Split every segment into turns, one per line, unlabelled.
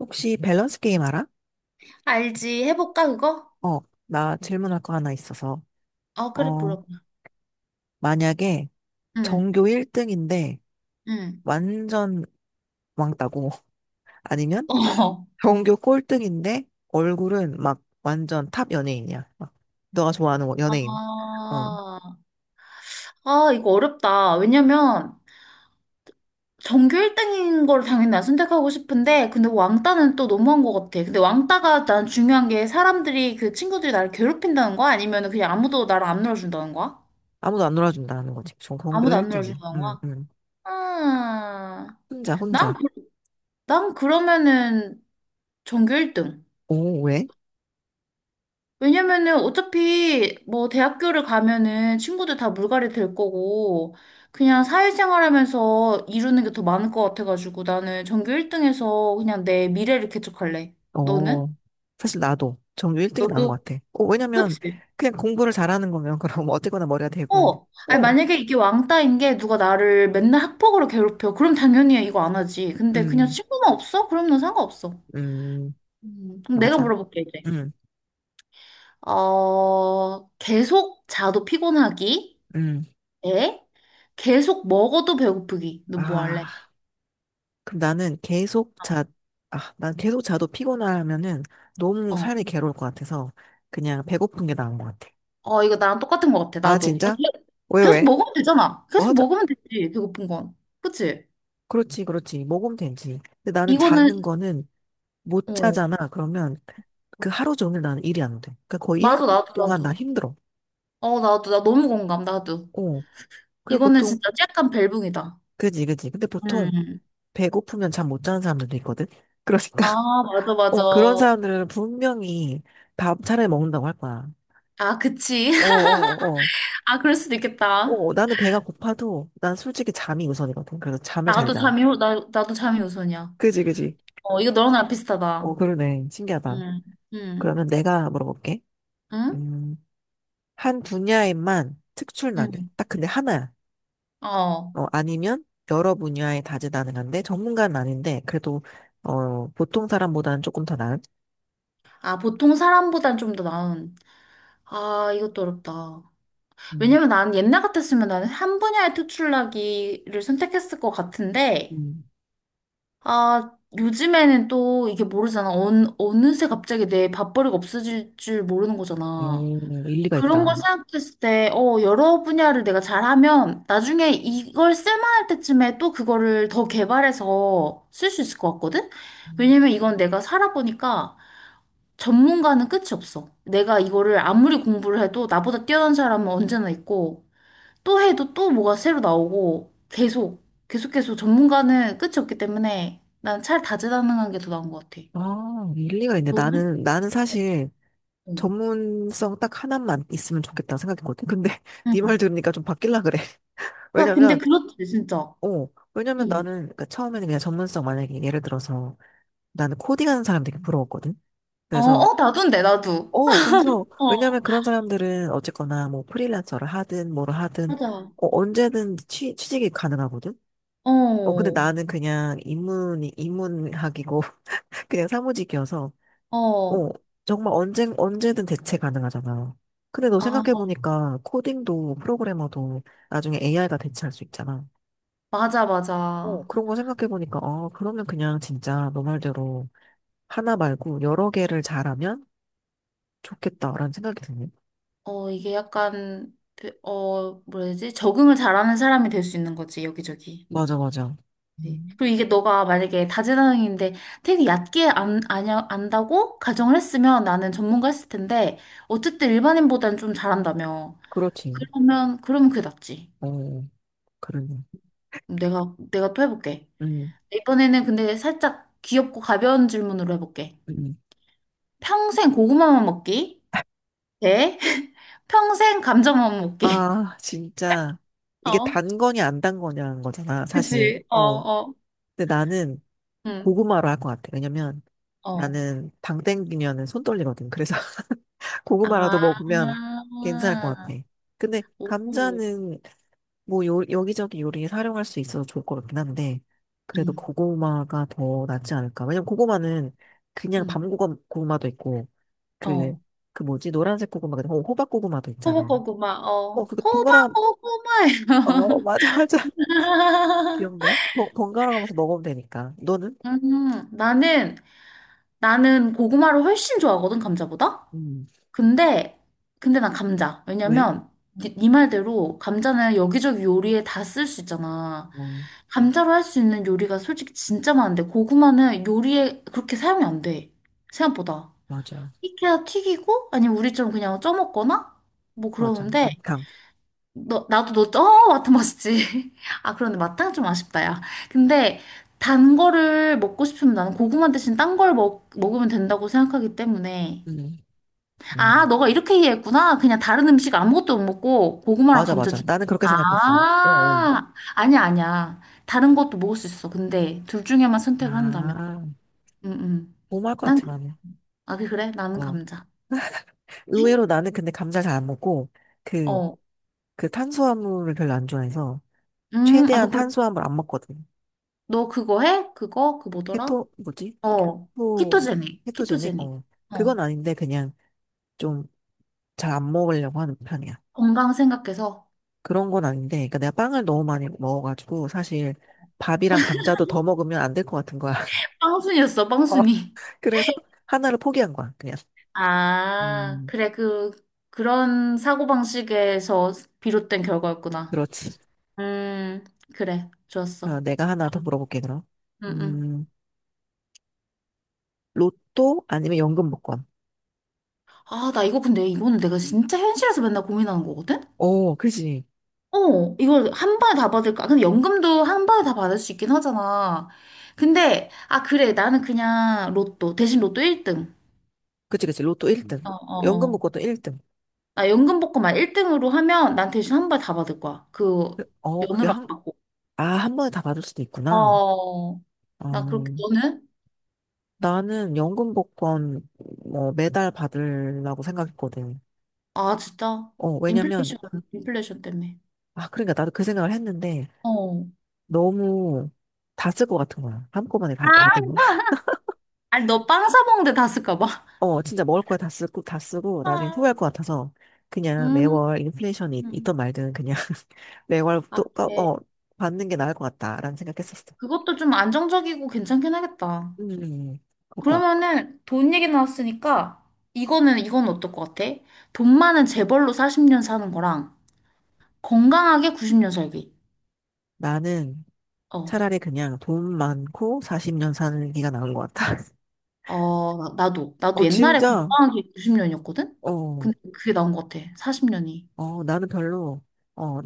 혹시 밸런스 게임 알아?
알지? 해볼까, 그거?
어, 나 질문할 거 하나 있어서.
어, 그래,
어,
물어봐.
만약에
응,
전교 1등인데
응.
완전 왕따고 아니면
어.
전교 꼴등인데 얼굴은 막 완전 탑 연예인이야. 막 너가 좋아하는
아,
연예인. 어,
아, 이거 어렵다. 왜냐면, 전교 1등인 걸 당연히 난 선택하고 싶은데, 근데 왕따는 또 너무한 것 같아. 근데 왕따가 난 중요한 게 사람들이, 그 친구들이 나를 괴롭힌다는 거야? 아니면 그냥 아무도 나를 안 놀아준다는 거야?
아무도 안 놀아준다 하는 거지. 전 전교
아무도 안
1등이야.
놀아준다는
응,
거야?
응.
아,
혼자,
난,
혼자.
그- 난 그러면은 전교 1등.
오, 왜?
왜냐면은 어차피 뭐 대학교를 가면은 친구들 다 물갈이 될 거고 그냥 사회생활 하면서 이루는 게 더 많을 것 같아가지고 나는 전교 1등에서 그냥 내 미래를 개척할래. 너는?
어, 사실 나도 전교 1등이 나은
너도?
것 같아. 어, 왜냐면
그치?
그냥 공부를 잘하는 거면 그럼 어쨌거나 머리가 되고.
어. 아니
어,
만약에 이게 왕따인 게 누가 나를 맨날 학폭으로 괴롭혀. 그럼 당연히 이거 안 하지. 근데 그냥
음,
친구만 없어? 그럼 난 상관없어.
음.
그럼 내가
맞아.
물어볼게 이제.
응,
어, 계속 자도 피곤하기?
응.
에? 계속 먹어도 배고프기. 너 뭐 할래?
아, 그럼 나는 계속 자, 아, 난 계속 자도 피곤하면은 너무
어.
삶이 괴로울 것 같아서 그냥 배고픈 게 나은 것 같아.
어, 이거 나랑 똑같은 것 같아,
아,
나도.
진짜? 왜,
계속
왜?
먹으면 되잖아.
뭐
계속
하자.
먹으면 되지, 배고픈 건. 그치?
그렇지, 그렇지. 먹으면 되지. 근데 나는
이거는,
자는 거는 못
어.
자잖아. 그러면 그 하루 종일 나는 일이 안 돼. 그러니까 거의 일
맞아,
년
나도,
동안 나
나도.
힘들어.
어, 나도, 나 너무 공감, 나도.
어. 그리고
이거는
보통,
진짜 약간 벨붕이다.
그지, 그지. 근데 보통
음.
배고프면 잠 못 자는 사람들도 있거든? 그러니까.
아, 맞아, 맞아.
어, 그런 사람들은 분명히 밥 차라리 먹는다고 할 거야.
아, 그치.
어, 어, 어.
아, 그럴 수도 있겠다.
어, 나는 배가 고파도 난 솔직히 잠이 우선이거든. 그래서 잠을 잘 자.
나도 잠이 우선이야.
그지, 그지.
어, 이거 너랑 나랑
어,
비슷하다.
그러네. 신기하다.
음. 음.
그러면 내가 물어볼게.
응?
음, 한 분야에만 특출나게.
응.
딱 근데 하나야.
어.
어, 아니면 여러 분야에 다재다능한데 전문가는 아닌데 그래도 보통 사람보다는 조금 더 나은.
아, 보통 사람보단 좀 더 나은. 아, 이것도 어렵다.
음,
왜냐면 나는 옛날 같았으면 나는 한 분야에 특출나기를 선택했을 것 같은데,
음,
아, 요즘에는 또 이게 모르잖아. 어느새 갑자기 내 밥벌이가 없어질 줄 모르는 거잖아.
일리가
그런 걸
있다.
생각했을 때, 어, 여러 분야를 내가 잘하면 나중에 이걸 쓸만할 때쯤에 또 그거를 더 개발해서 쓸 수 있을 것 같거든?
음,
왜냐면 이건 내가 살아보니까 전문가는 끝이 없어. 내가 이거를 아무리 공부를 해도 나보다 뛰어난 사람은 언제나 있고 또 해도 또 뭐가 새로 나오고 계속 계속 계속 전문가는 끝이 없기 때문에 난 차라리 다재다능한 게 더 나은 것 같아.
아, 일리가 있네.
너는?
나는
어,
사실
응.
전문성 딱 하나만 있으면 좋겠다는 생각했거든 근데 네 말
응.
들으니까 좀 바뀔라 그래.
그래, 근데
왜냐면,
그렇지 진짜.
왜냐면
응.
나는 그러니까 처음에는 그냥 전문성 만약에 예를 들어서 나는 코딩하는 사람 되게 부러웠거든.
어,
그래서
어, 나도인데 나도.
그래서
어,
왜냐면 그런 사람들은 어쨌거나 뭐 프리랜서를 하든 뭐를 하든
맞아.
어, 언제든 취직이 가능하거든. 어, 근데
어,
나는 그냥 입문학이고 그냥 사무직이어서
어.
어, 정말 언제든 대체 가능하잖아. 근데 너
아,
생각해보니까 코딩도 프로그래머도 나중에 AI가 대체할 수 있잖아.
맞아,
어,
맞아.
그런 거 생각해보니까, 그러면 그냥 진짜 너 말대로 하나 말고 여러 개를 잘하면 좋겠다라는 생각이 드네.
어, 이게 약간 그, 뭐라 해야 되지? 적응을 잘하는 사람이 될 수 있는 거지 여기저기.
맞아, 맞아.
네.
음,
그리고 이게 너가 만약에 다재다능인데 되게 얕게 안, 아냐, 안다고 가정을 했으면 나는 전문가 했을 텐데 어쨌든 일반인보다는 좀 잘한다며.
그렇지.
그러면 그게 낫지.
어, 그러네.
내가 또 해볼게.
음,
이번에는 근데 살짝 귀엽고 가벼운 질문으로 해볼게.
음.
평생 고구마만 먹기? 네. 평생 감자만 먹기.
아, 진짜. 이게 단
어.
거냐, 안 단 거냐는 거잖아, 사실.
그치? 어,
어.
어.
근데 나는
응.
고구마로 할 것 같아. 왜냐면
어.
나는 당 땡기면은 손 떨리거든. 그래서 고구마라도
아.
먹으면 괜찮을 것 같아. 근데
오.
감자는 뭐 여기저기 요리에 사용할 수 있어서 좋을 것 같긴 한데
응.
그래도 고구마가 더 낫지 않을까. 왜냐면 고구마는 그냥
응.
밤 고구마도 있고 그,
어.
그 뭐지? 노란색 고구마가 아니라 호박 고구마도 있잖아.
호박고구마,
어, 그거 번갈아,
호박고구마예요.
어, 맞아, 맞아. 귀엽네. 번갈아 가면서 먹으면 되니까. 너는?
음, 나는, 나는 고구마를 훨씬 좋아하거든, 감자보다?
음,
근데, 근데 난 감자.
왜?
왜냐면, 니 말대로 감자는 여기저기 요리에 다 쓸 수 있잖아.
어,
감자로 할 수 있는 요리가 솔직히 진짜 많은데, 고구마는 요리에 그렇게 사용이 안 돼. 생각보다.
맞아.
익혀야 튀기고, 아니면 우리처럼 그냥 쪄먹거나? 뭐
맞아.
그러는데, 너, 나도 너, 마트 맛있지. 아, 그런데 마탕 좀 아쉽다, 야. 근데 단 거를 먹고 싶으면 나는 고구마 대신 딴 걸 먹으면 된다고 생각하기 때문에.
음, 음.
아, 너가 이렇게 이해했구나. 그냥 다른 음식 아무것도 못 먹고 고구마랑
맞아,
감자
맞아.
주.
나는 그렇게
아,
생각했어. 어, 어.
아니야, 아니야. 다른 것도 먹을 수 있어. 근데 둘 중에만 선택을 한다면.
아,
응, 응.
너무할 것
난, 그-
같아, 나는.
아, 그래? 나는
어.
감자.
의외로 나는 근데 감자를 잘 안 먹고, 그,
어.
그 탄수화물을 별로 안 좋아해서,
아,
최대한 탄수화물 안 먹거든.
너 그거 해? 그거? 그 뭐더라?
케토, 뭐지?
어,
토,
키토제닉,
케토제닉?
키토제닉.
어.
어,
그건 아닌데, 그냥 좀 잘 안 먹으려고 하는 편이야.
건강 생각해서.
그런 건 아닌데, 그러니까 내가 빵을 너무 많이 먹어가지고, 사실 밥이랑 감자도 더 먹으면 안 될 것 같은 거야.
빵순이었어,
어.
빵순이.
그래서 하나를 포기한 거야, 그냥.
아,
음,
그래, 그런 사고방식에서 비롯된 결과였구나.
그렇지.
음, 그래, 좋았어.
아, 내가 하나 더 물어볼게, 그럼.
응, 응.
음, 로또 아니면 연금 복권.
아, 나 이거 근데 이거는 내가 진짜 현실에서 맨날 고민하는 거거든?
오, 그지.
어, 이걸 한 번에 다 받을까? 근데 연금도 한 번에 다 받을 수 있긴 하잖아. 근데, 아, 그래, 나는 그냥 로또, 대신 로또 1등.
그지, 그지. 로또 1등.
어, 어,
연금
어.
복권도 1등.
나 연금복권만 1등으로 하면 난 대신 한발 다 받을 거야. 그
어, 그게
연으로 안
한,
받고.
한 번에 다 받을 수도 있구나.
어,
어,
나 그렇게 너는?
나는 연금 복권, 뭐, 매달 받으려고 생각했거든.
아, 진짜.
어, 왜냐면,
인플레이션, 인플레이션 때문에.
아, 그러니까 나도 그 생각을 했는데,
어.
너무 다 쓸 것 같은 거야. 한꺼번에
아,
다 받으면.
아니, 너 빵 사 먹는데 다 쓸까 봐.
어, 진짜 먹을 거야 다 쓰고, 다 쓰고, 나중에
아.
후회할 것 같아서, 그냥
음.
매월 인플레이션이
음.
있 말든 그냥 매월
아,
또,
네.
받는 게 나을 것 같다라는 생각했었어.
그것도 좀 안정적이고 괜찮긴 하겠다.
음, 그거.
그러면은 돈 얘기 나왔으니까 이거는 이건 어떨 것 같아? 돈 많은 재벌로 40년 사는 거랑 건강하게 90년 살기.
나는
어.
차라리 그냥 돈 많고 40년 사는 게가 나은 것 같아.
어, 나도. 나도
어,
옛날에
진짜,
건강한 게 90년이었거든?
어,
근데 그게 나온 것 같아. 40년이.
어, 나는 별로, 어,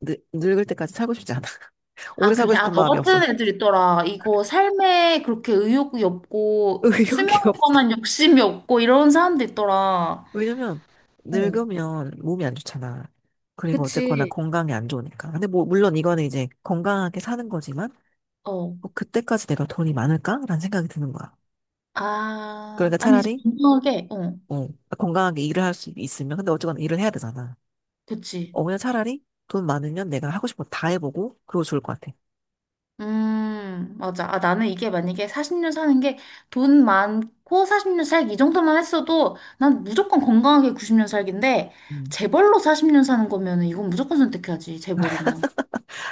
늙을 때까지 살고 싶지 않아. 오래
아,
살고
그래? 아,
싶은
너
마음이 없어.
같은 애들 있더라. 이거 삶에 그렇게 의욕이 없고, 수명에
의욕이 없어.
관한 욕심이 없고, 이런 사람도 있더라.
왜냐면
어,
늙으면 몸이 안 좋잖아. 그리고 어쨌거나
그치.
건강이 안 좋으니까. 근데 뭐 물론 이거는 이제 건강하게 사는 거지만
어.
뭐 그때까지 내가 돈이 많을까라는 생각이 드는 거야. 그러니까
아, 아니지.
차라리
건강하게. 어,
어, 건강하게 일을 할 수 있으면 근데 어쨌거나 일을 해야 되잖아.
그치.
어 그냥 차라리 돈 많으면 내가 하고 싶은 거 다 해보고 그러고 좋을 것 같아.
맞아. 아, 나는 이게 만약에 40년 사는 게 돈 많고 40년 살기 이 정도만 했어도 난 무조건 건강하게 90년 살기인데
음.
재벌로 40년 사는 거면 은 이건 무조건 선택해야지, 재벌이면.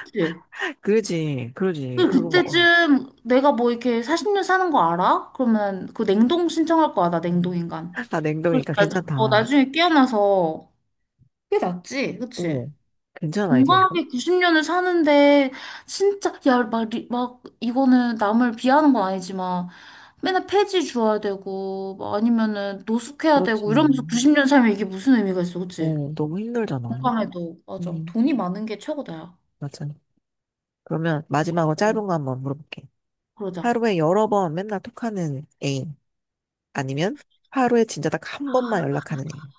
그치?
그러지, 그러지.
그,
그리고 뭐, 어.
그때쯤 내가 뭐 이렇게 40년 사는 거 알아? 그러면 그 냉동 신청할 거야, 나 냉동인간.
아,
그래서
냉동이니까
나,
괜찮다.
나중에 깨어나서 그게 낫지, 그치?
어, 괜찮은 아이디어는
건강하게 90년을 사는데 진짜 야 막 막 이거는 남을 비하하는 건 아니지만 맨날 폐지 주어야 되고 뭐 아니면은 노숙해야
그렇지.
되고 이러면서 90년 살면 이게 무슨 의미가 있어 그치?
어, 너무 힘들잖아.
건강해도 맞아
음,
돈이 많은 게 최고다야.
맞아. 그러면
어,
마지막으로 짧은 거 한번 물어볼게.
그러자.
하루에 여러 번 맨날 톡하는 애인 아니면 하루에 진짜 딱 한 번만 연락하는 애인.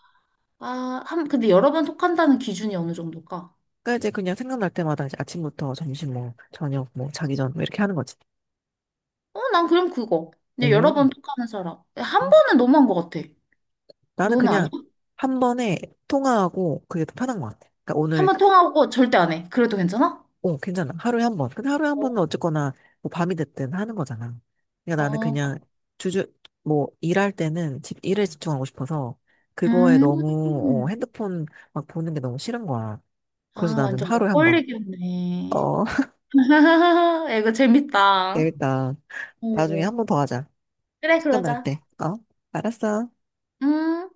아 한 근데 여러 번 톡한다는 기준이 어느 정도일까?
그러니까 이제 그냥 생각날 때마다 이제 아침부터 점심 뭐 저녁 뭐 자기 전 뭐 이렇게 하는 거지.
어 난 그럼 그거 근데
오.
여러 번 톡하는 사람 한 번은 너무한 것 같아.
나는
너는 아니야?
그냥 한 번에 통화하고 그게 더 편한 것 같아. 그러니까
한
오늘
번 통하고 절대 안 해 그래도 괜찮아?
어, 괜찮아. 하루에 한 번. 근데 하루에 한
어,
번은 어쨌거나 뭐 밤이 됐든 하는 거잖아. 그러니까 나는
아,
그냥 주주 뭐 일할 때는 집 일에 집중하고 싶어서 그거에 너무
음.
핸드폰 막 보는 게 너무 싫은 거야. 그래서
아,
나는
완전
하루에 한 번.
먹걸리겠네.
어,
이거 재밌다.
재밌다. 나중에
어.
한 번 더 하자.
그래,
시간 날
그러자.
때. 어? 알았어.
음.